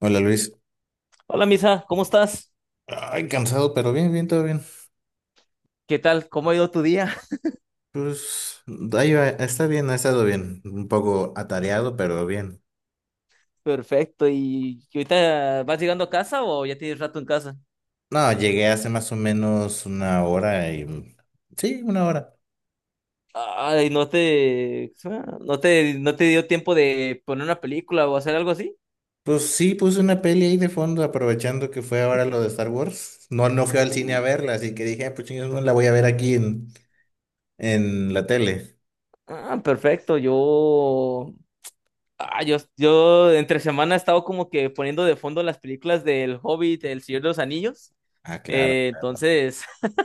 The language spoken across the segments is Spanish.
Hola, Luis. Hola, Misa, ¿cómo estás? Ay, cansado, pero bien, todo bien. ¿Qué tal? ¿Cómo ha ido tu día? Pues Ahí va, está bien, ha estado bien. Un poco atareado, pero bien. Perfecto. ¿Y ahorita vas llegando a casa o ya tienes rato en casa? No, llegué hace más o menos una hora Sí, una hora. Ay, ¿no te dio tiempo de poner una película o hacer algo así? Pues sí, puse una peli ahí de fondo, aprovechando que fue ahora lo de Star Wars. No, no fui al cine Uh, a verla, así que dije, "Ah, pues chingados, no la voy a ver aquí en la tele". Ah, perfecto. Yo entre semana he estado como que poniendo de fondo las películas del Hobbit, El Señor de los Anillos. Ah, claro, claro. Entonces,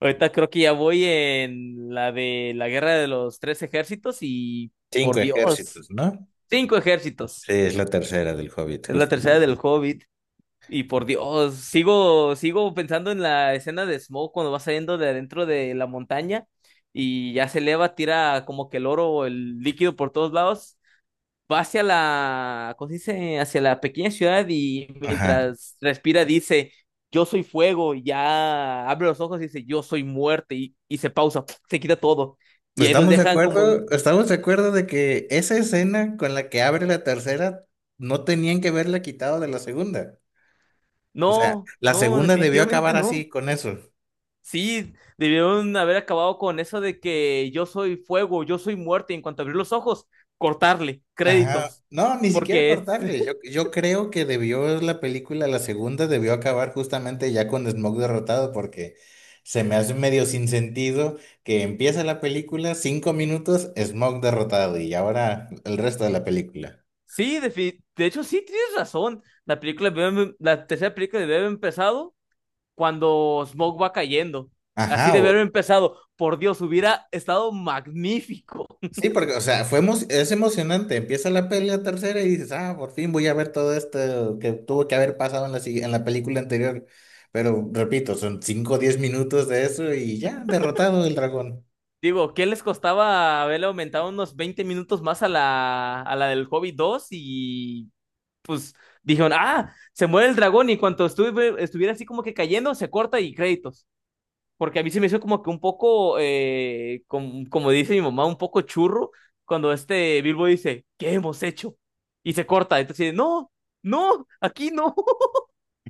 ahorita creo que ya voy en la de la Guerra de los Tres Ejércitos y Cinco por Dios. ejércitos, ¿no? Cinco ejércitos. Sí, es la tercera del Hobbit, Es la justamente. tercera del Hobbit. Y por Dios, sigo pensando en la escena de Smoke cuando va saliendo de adentro de la montaña y ya se eleva, tira como que el oro o el líquido por todos lados. Va hacia la, ¿cómo se dice? Hacia la pequeña ciudad y Ajá. mientras respira dice, yo soy fuego, y ya abre los ojos y dice, yo soy muerte y se pausa, se quita todo. Pues Y ahí nos estamos de dejan como, acuerdo, estamos de acuerdo de que esa escena con la que abre la tercera no tenían que verla quitado de la segunda. O sea, no, la no, segunda debió definitivamente acabar así no. con eso. Sí, debieron haber acabado con eso de que yo soy fuego, yo soy muerte, y en cuanto abrir los ojos, cortarle, Ajá. créditos. No, ni siquiera Porque es. cortarle. Yo, yo creo que debió la película, la segunda debió acabar justamente ya con Smoke derrotado, porque se me hace medio sin sentido que empieza la película, cinco minutos, Smoke derrotado y ahora el resto de la película. Sí, de hecho, sí tienes razón. La película, la tercera película debe haber empezado cuando Smoke va cayendo. Así Ajá, debe o haber empezado. Por Dios, hubiera estado magnífico. sí, porque, o sea, es emocionante. Empieza la pelea tercera y dices, ah, por fin voy a ver todo esto que tuvo que haber pasado en en la película anterior. Pero repito, son 5, o 10 minutos de eso y ya, derrotado el dragón. Digo, ¿qué les costaba haberle aumentado unos 20 minutos más a la del Hobby 2 y pues dijeron, ah, se muere el dragón y cuando estuviera así como que cayendo, se corta y créditos. Porque a mí se me hizo como que un poco, como dice mi mamá, un poco churro cuando este Bilbo dice, ¿qué hemos hecho? Y se corta. Entonces, no, no, aquí no.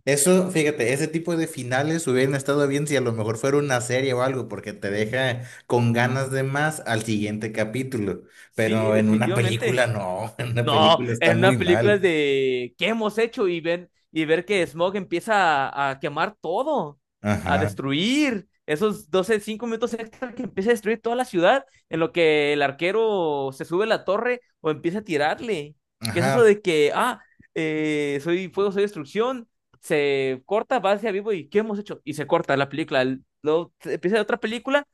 Eso, fíjate, ese tipo de finales hubieran estado bien si a lo mejor fuera una serie o algo, porque te deja con ganas de más al siguiente capítulo. Sí, Pero en una película definitivamente. no, en una No, película está en muy una película es mal. de ¿qué hemos hecho? Y ven, y ver que Smog empieza a quemar todo, a Ajá, destruir. Esos 12 5 minutos extra que empieza a destruir toda la ciudad, en lo que el arquero se sube a la torre o empieza a tirarle. ¿Qué es ajá, eso de que, soy fuego, soy destrucción? Se corta, va hacia vivo y ¿qué hemos hecho? Y se corta la película. Luego empieza otra película,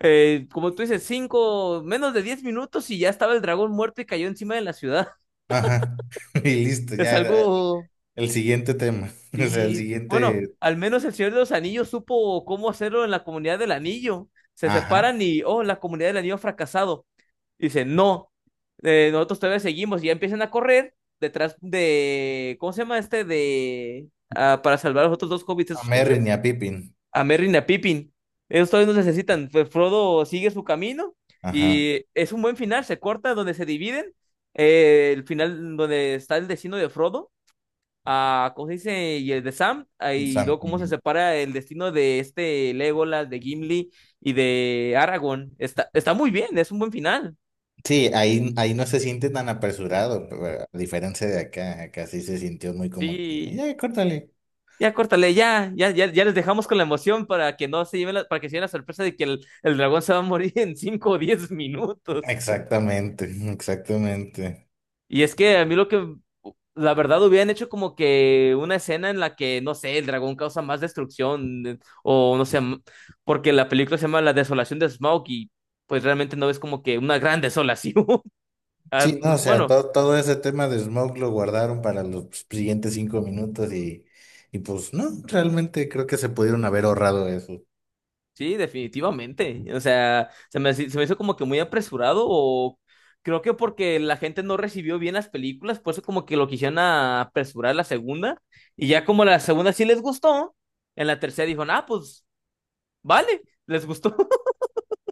como tú dices, 5 menos de 10 minutos y ya estaba el dragón muerto y cayó encima de la ciudad. ajá. Y listo, Es ya. algo, El siguiente tema, o sea, el sí, bueno, siguiente, al menos el Señor de los Anillos supo cómo hacerlo en la comunidad del anillo. Se ajá, separan y, oh, la comunidad del anillo ha fracasado. Dice no, nosotros todavía seguimos y ya empiezan a correr detrás de, ¿cómo se llama este? De, ah, para salvar a los otros dos hobbits, a ¿esos cómo se Merry llama? ni a Pippin, A Merry y a Pippin. Ellos todavía nos necesitan. Pues Frodo sigue su camino ajá, y es un buen final, se corta donde se dividen. El final donde está el destino de Frodo a, ¿cómo se dice? Y el de Sam, ah, y Sam, luego cómo se ujú. separa el destino de este Legolas, de Gimli y de Aragorn. Está muy bien, es un buen final. Sí, ahí, ahí no se siente tan apresurado, pero a diferencia de acá, acá sí se sintió muy como que, Sí, ya, córtale. ya córtale, ya, ya, ya, ya les dejamos con la emoción para que no se lleven la, para que se lleven la sorpresa de que el dragón se va a morir en 5 o 10 minutos. Exactamente, exactamente. Y es que a mí lo que la verdad, hubieran hecho como que una escena en la que, no sé, el dragón causa más destrucción, o no sé, porque la película se llama La Desolación de Smaug y pues realmente no ves como que una gran desolación. Sí, no, o sea, Bueno, todo, todo ese tema de Smoke lo guardaron para los siguientes cinco minutos y pues no, realmente creo que se pudieron haber ahorrado eso. sí, definitivamente. O sea, se me hizo como que muy apresurado, o creo que porque la gente no recibió bien las películas, por eso como que lo quisieron apresurar la segunda, y ya como la segunda sí les gustó, en la tercera dijo, ah, pues vale, les gustó.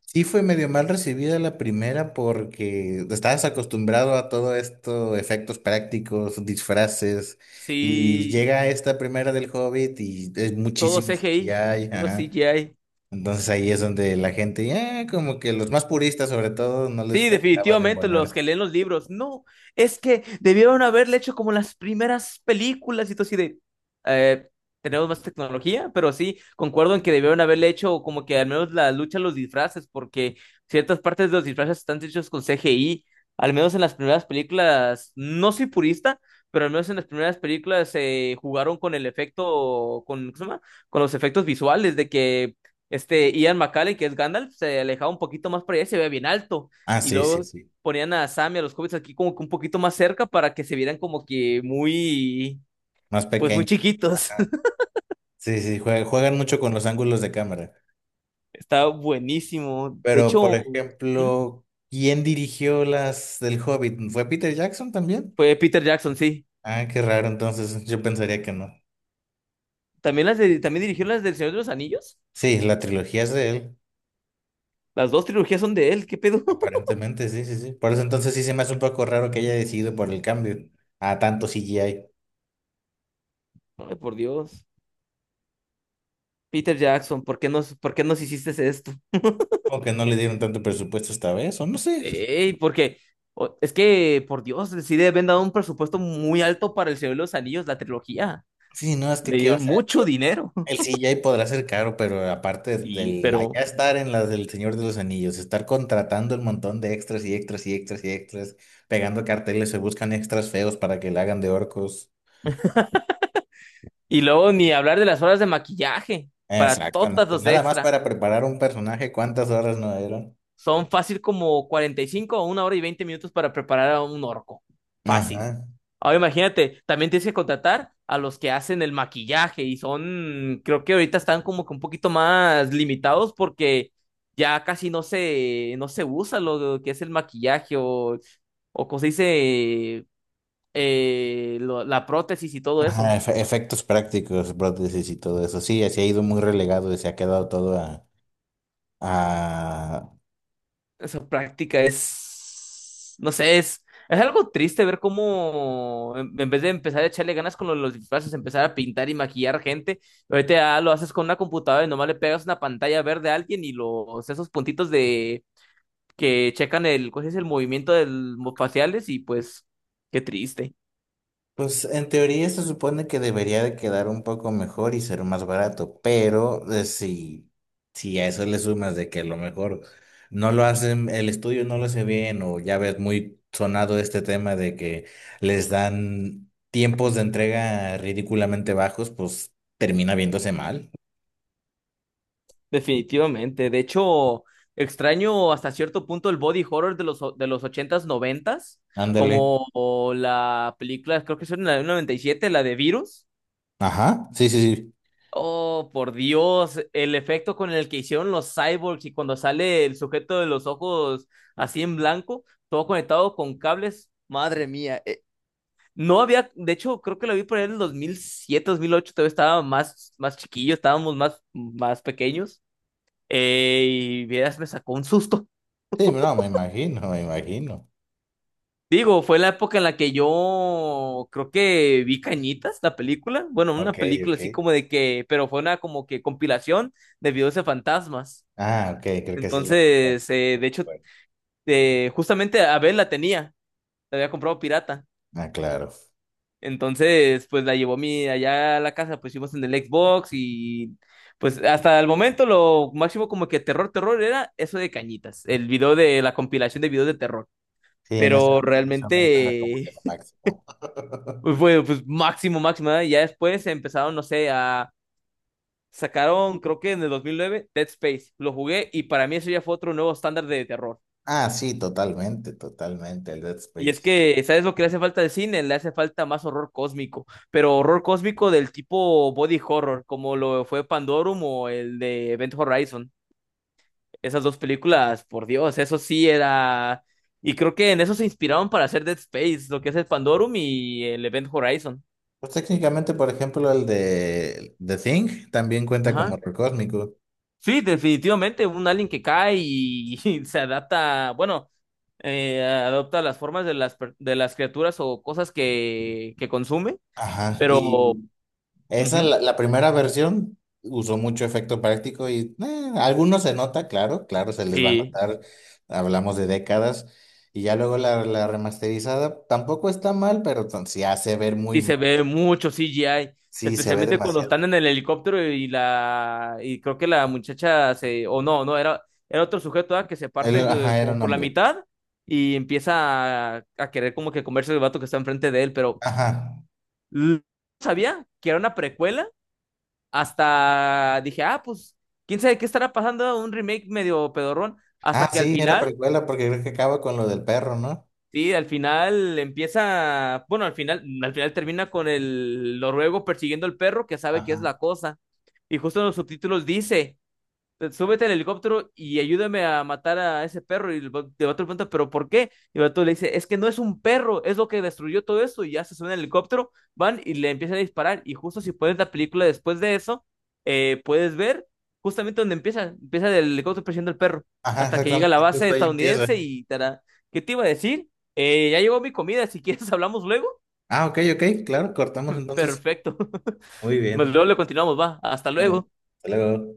Sí, fue medio mal recibida la primera porque estabas acostumbrado a todo esto, efectos prácticos, disfraces, y Sí, llega esta primera del Hobbit y es todo muchísimo CGI, CGI, puro ajá. CGI. Entonces ahí es donde la gente, ya como que los más puristas sobre todo no les Sí, terminaba de definitivamente, los embonar. que leen los libros. No, es que debieron haberle hecho como las primeras películas y todo así de... eh, tenemos más tecnología, pero sí, concuerdo en que debieron haberle hecho como que al menos la lucha a los disfraces, porque ciertas partes de los disfraces están hechos con CGI. Al menos en las primeras películas, no soy purista, pero al menos en las primeras películas se jugaron con el efecto, con, ¿cómo se llama? Con los efectos visuales de que este Ian McKellen, que es Gandalf, se alejaba un poquito más para allá y se veía bien alto Ah, y sí, sí, luego sí, ponían a Sam y a los hobbits aquí como que un poquito más cerca para que se vieran como que muy, más pues muy pequeño. chiquitos. Ajá. Sí, sí, juegan mucho con los ángulos de cámara. Está buenísimo. De Pero, hecho, por ujú, ejemplo, ¿quién dirigió las del Hobbit? ¿Fue Peter Jackson también? fue Peter Jackson, sí. Ah, qué raro, entonces yo pensaría que no. También también dirigió las del Señor de los Anillos. Sí, la trilogía es de él, Las dos trilogías son de él, ¿qué pedo? aparentemente, sí, sí, sí. Por eso entonces sí se me hace un poco raro que haya decidido por el cambio a tanto CGI. Ay, por Dios. Peter Jackson, ¿por qué nos hiciste esto? O que no le dieron tanto presupuesto esta vez, o no sé. Ey, porque es que, por Dios, sí le habían dado un presupuesto muy alto para el Señor de los Anillos, la trilogía. Sí, no, es que, Le o dieron sea, mucho dinero. el CGI podrá ser caro, pero aparte Sí, del allá pero estar en las del Señor de los Anillos, estar contratando el montón de extras y extras y extras y extras, pegando carteles, se buscan extras feos para que le hagan de orcos. y luego ni hablar de las horas de maquillaje para todas Exactamente. los Nada más extra. para preparar un personaje, ¿cuántas horas no dieron? Son fácil como 45 o 1 hora y 20 minutos para preparar a un orco. Fácil. Ajá. Ahora imagínate, también tienes que contratar a los que hacen el maquillaje y son, creo que ahorita están como que un poquito más limitados porque ya casi no se usa lo que es el maquillaje o como se dice, la prótesis y todo Ajá, eso. Efectos prácticos, prótesis y todo eso. Sí, se ha ido muy relegado y se ha quedado todo a... Esa práctica es, no sé, es algo triste ver cómo en vez de empezar a echarle ganas con lo de los disfraces, empezar a pintar y maquillar gente, ahorita ya lo haces con una computadora y nomás le pegas una pantalla verde a alguien y los esos puntitos de que checan el, ¿cómo se dice? El movimiento faciales y pues qué triste. Pues en teoría se supone que debería de quedar un poco mejor y ser más barato, pero si, si a eso le sumas de que a lo mejor no lo hacen, el estudio no lo hace bien, o ya ves muy sonado este tema de que les dan tiempos de entrega ridículamente bajos, pues termina viéndose mal. Definitivamente. De hecho, extraño hasta cierto punto el body horror de los, de los ochentas noventas Ándale. como o la película, creo que es en la del 97 la de Virus. Ajá, sí, sí, sí. Oh, por Dios, el efecto con el que hicieron los cyborgs y cuando sale el sujeto de los ojos así en blanco, todo conectado con cables. Madre mía. No había, de hecho, creo que la vi por ahí en el 2007, 2008 todavía estaba más, más chiquillo, estábamos más, más pequeños. Eh, y vieras, me sacó un susto. Sí, no, me imagino, me imagino. Digo, fue la época en la que yo creo que vi Cañitas, la película. Bueno, una Ok, película ok. así como de que, pero fue una como que compilación de videos de fantasmas. Ah, ok, creo que sí lo... Bueno, Entonces, de hecho, justamente Abel la tenía, la había comprado pirata. ah, claro. Entonces, pues la llevó mi allá a la casa, pues hicimos en el Xbox y pues hasta el momento lo máximo como que terror, terror era eso de Cañitas, el video de la compilación de videos de terror. Sí, Pero en ese momento era como que realmente, lo máximo. pues bueno, pues máximo, máximo, ¿eh? Ya después empezaron, no sé, a... Sacaron, creo que en el 2009, Dead Space. Lo jugué y para mí eso ya fue otro nuevo estándar de terror. Ah, sí, totalmente, totalmente, el Dead Y es Space. que, ¿sabes lo que le hace falta al cine? Le hace falta más horror cósmico, pero horror cósmico del tipo body horror, como lo fue Pandorum o el de Event Horizon. Esas dos películas, por Dios, eso sí era... Y creo que en eso se inspiraron para hacer Dead Space, lo que es el Pandorum y el Event Horizon. Pues técnicamente, por ejemplo, el de The Thing también cuenta como Ajá. horror cósmico. Sí, definitivamente, un alien que cae y, y se adapta, bueno, adopta las formas de las, de las criaturas o cosas que consume, Ajá, pero ujú, y esa, la primera versión, usó mucho efecto práctico y algunos se nota, claro, claro, se les va a sí, notar, hablamos de décadas, y ya luego la, la remasterizada tampoco está mal, pero se hace ver muy sí se mal, ve mucho CGI, sí, se ve especialmente cuando demasiado. están en el helicóptero y la, y creo que la muchacha se, o no, no, era, era otro sujeto ah, que se Él, parte ajá, era como un por la hombre, mitad y empieza a querer como que comerse el vato que está enfrente de él, pero... ajá. l- sabía que era una precuela hasta dije, ah, pues, quién sabe qué estará pasando, un remake medio pedorrón, hasta Ah, que al sí, era final, precuela porque creo que acaba con lo del perro, ¿no? sí, al final empieza, bueno, al final termina con el noruego persiguiendo al perro que sabe que Ajá. es la cosa. Y justo en los subtítulos dice, súbete al helicóptero y ayúdame a matar a ese perro. Y el vato le pregunta, ¿pero por qué? Y el vato le dice, es que no es un perro, es lo que destruyó todo eso. Y ya se suben al helicóptero, van y le empiezan a disparar. Y justo si pones la película después de eso, puedes ver justamente donde empieza el helicóptero persiguiendo al perro, Ajá, hasta que llega a la exactamente, base justo ahí empieza. estadounidense y tará. ¿Qué te iba a decir? Ya llegó mi comida, si quieres hablamos luego. Ah, ok, ok, claro, cortamos entonces. Perfecto. Muy Pues bien. luego le continuamos, va. Hasta Ánimo. luego. Hasta luego.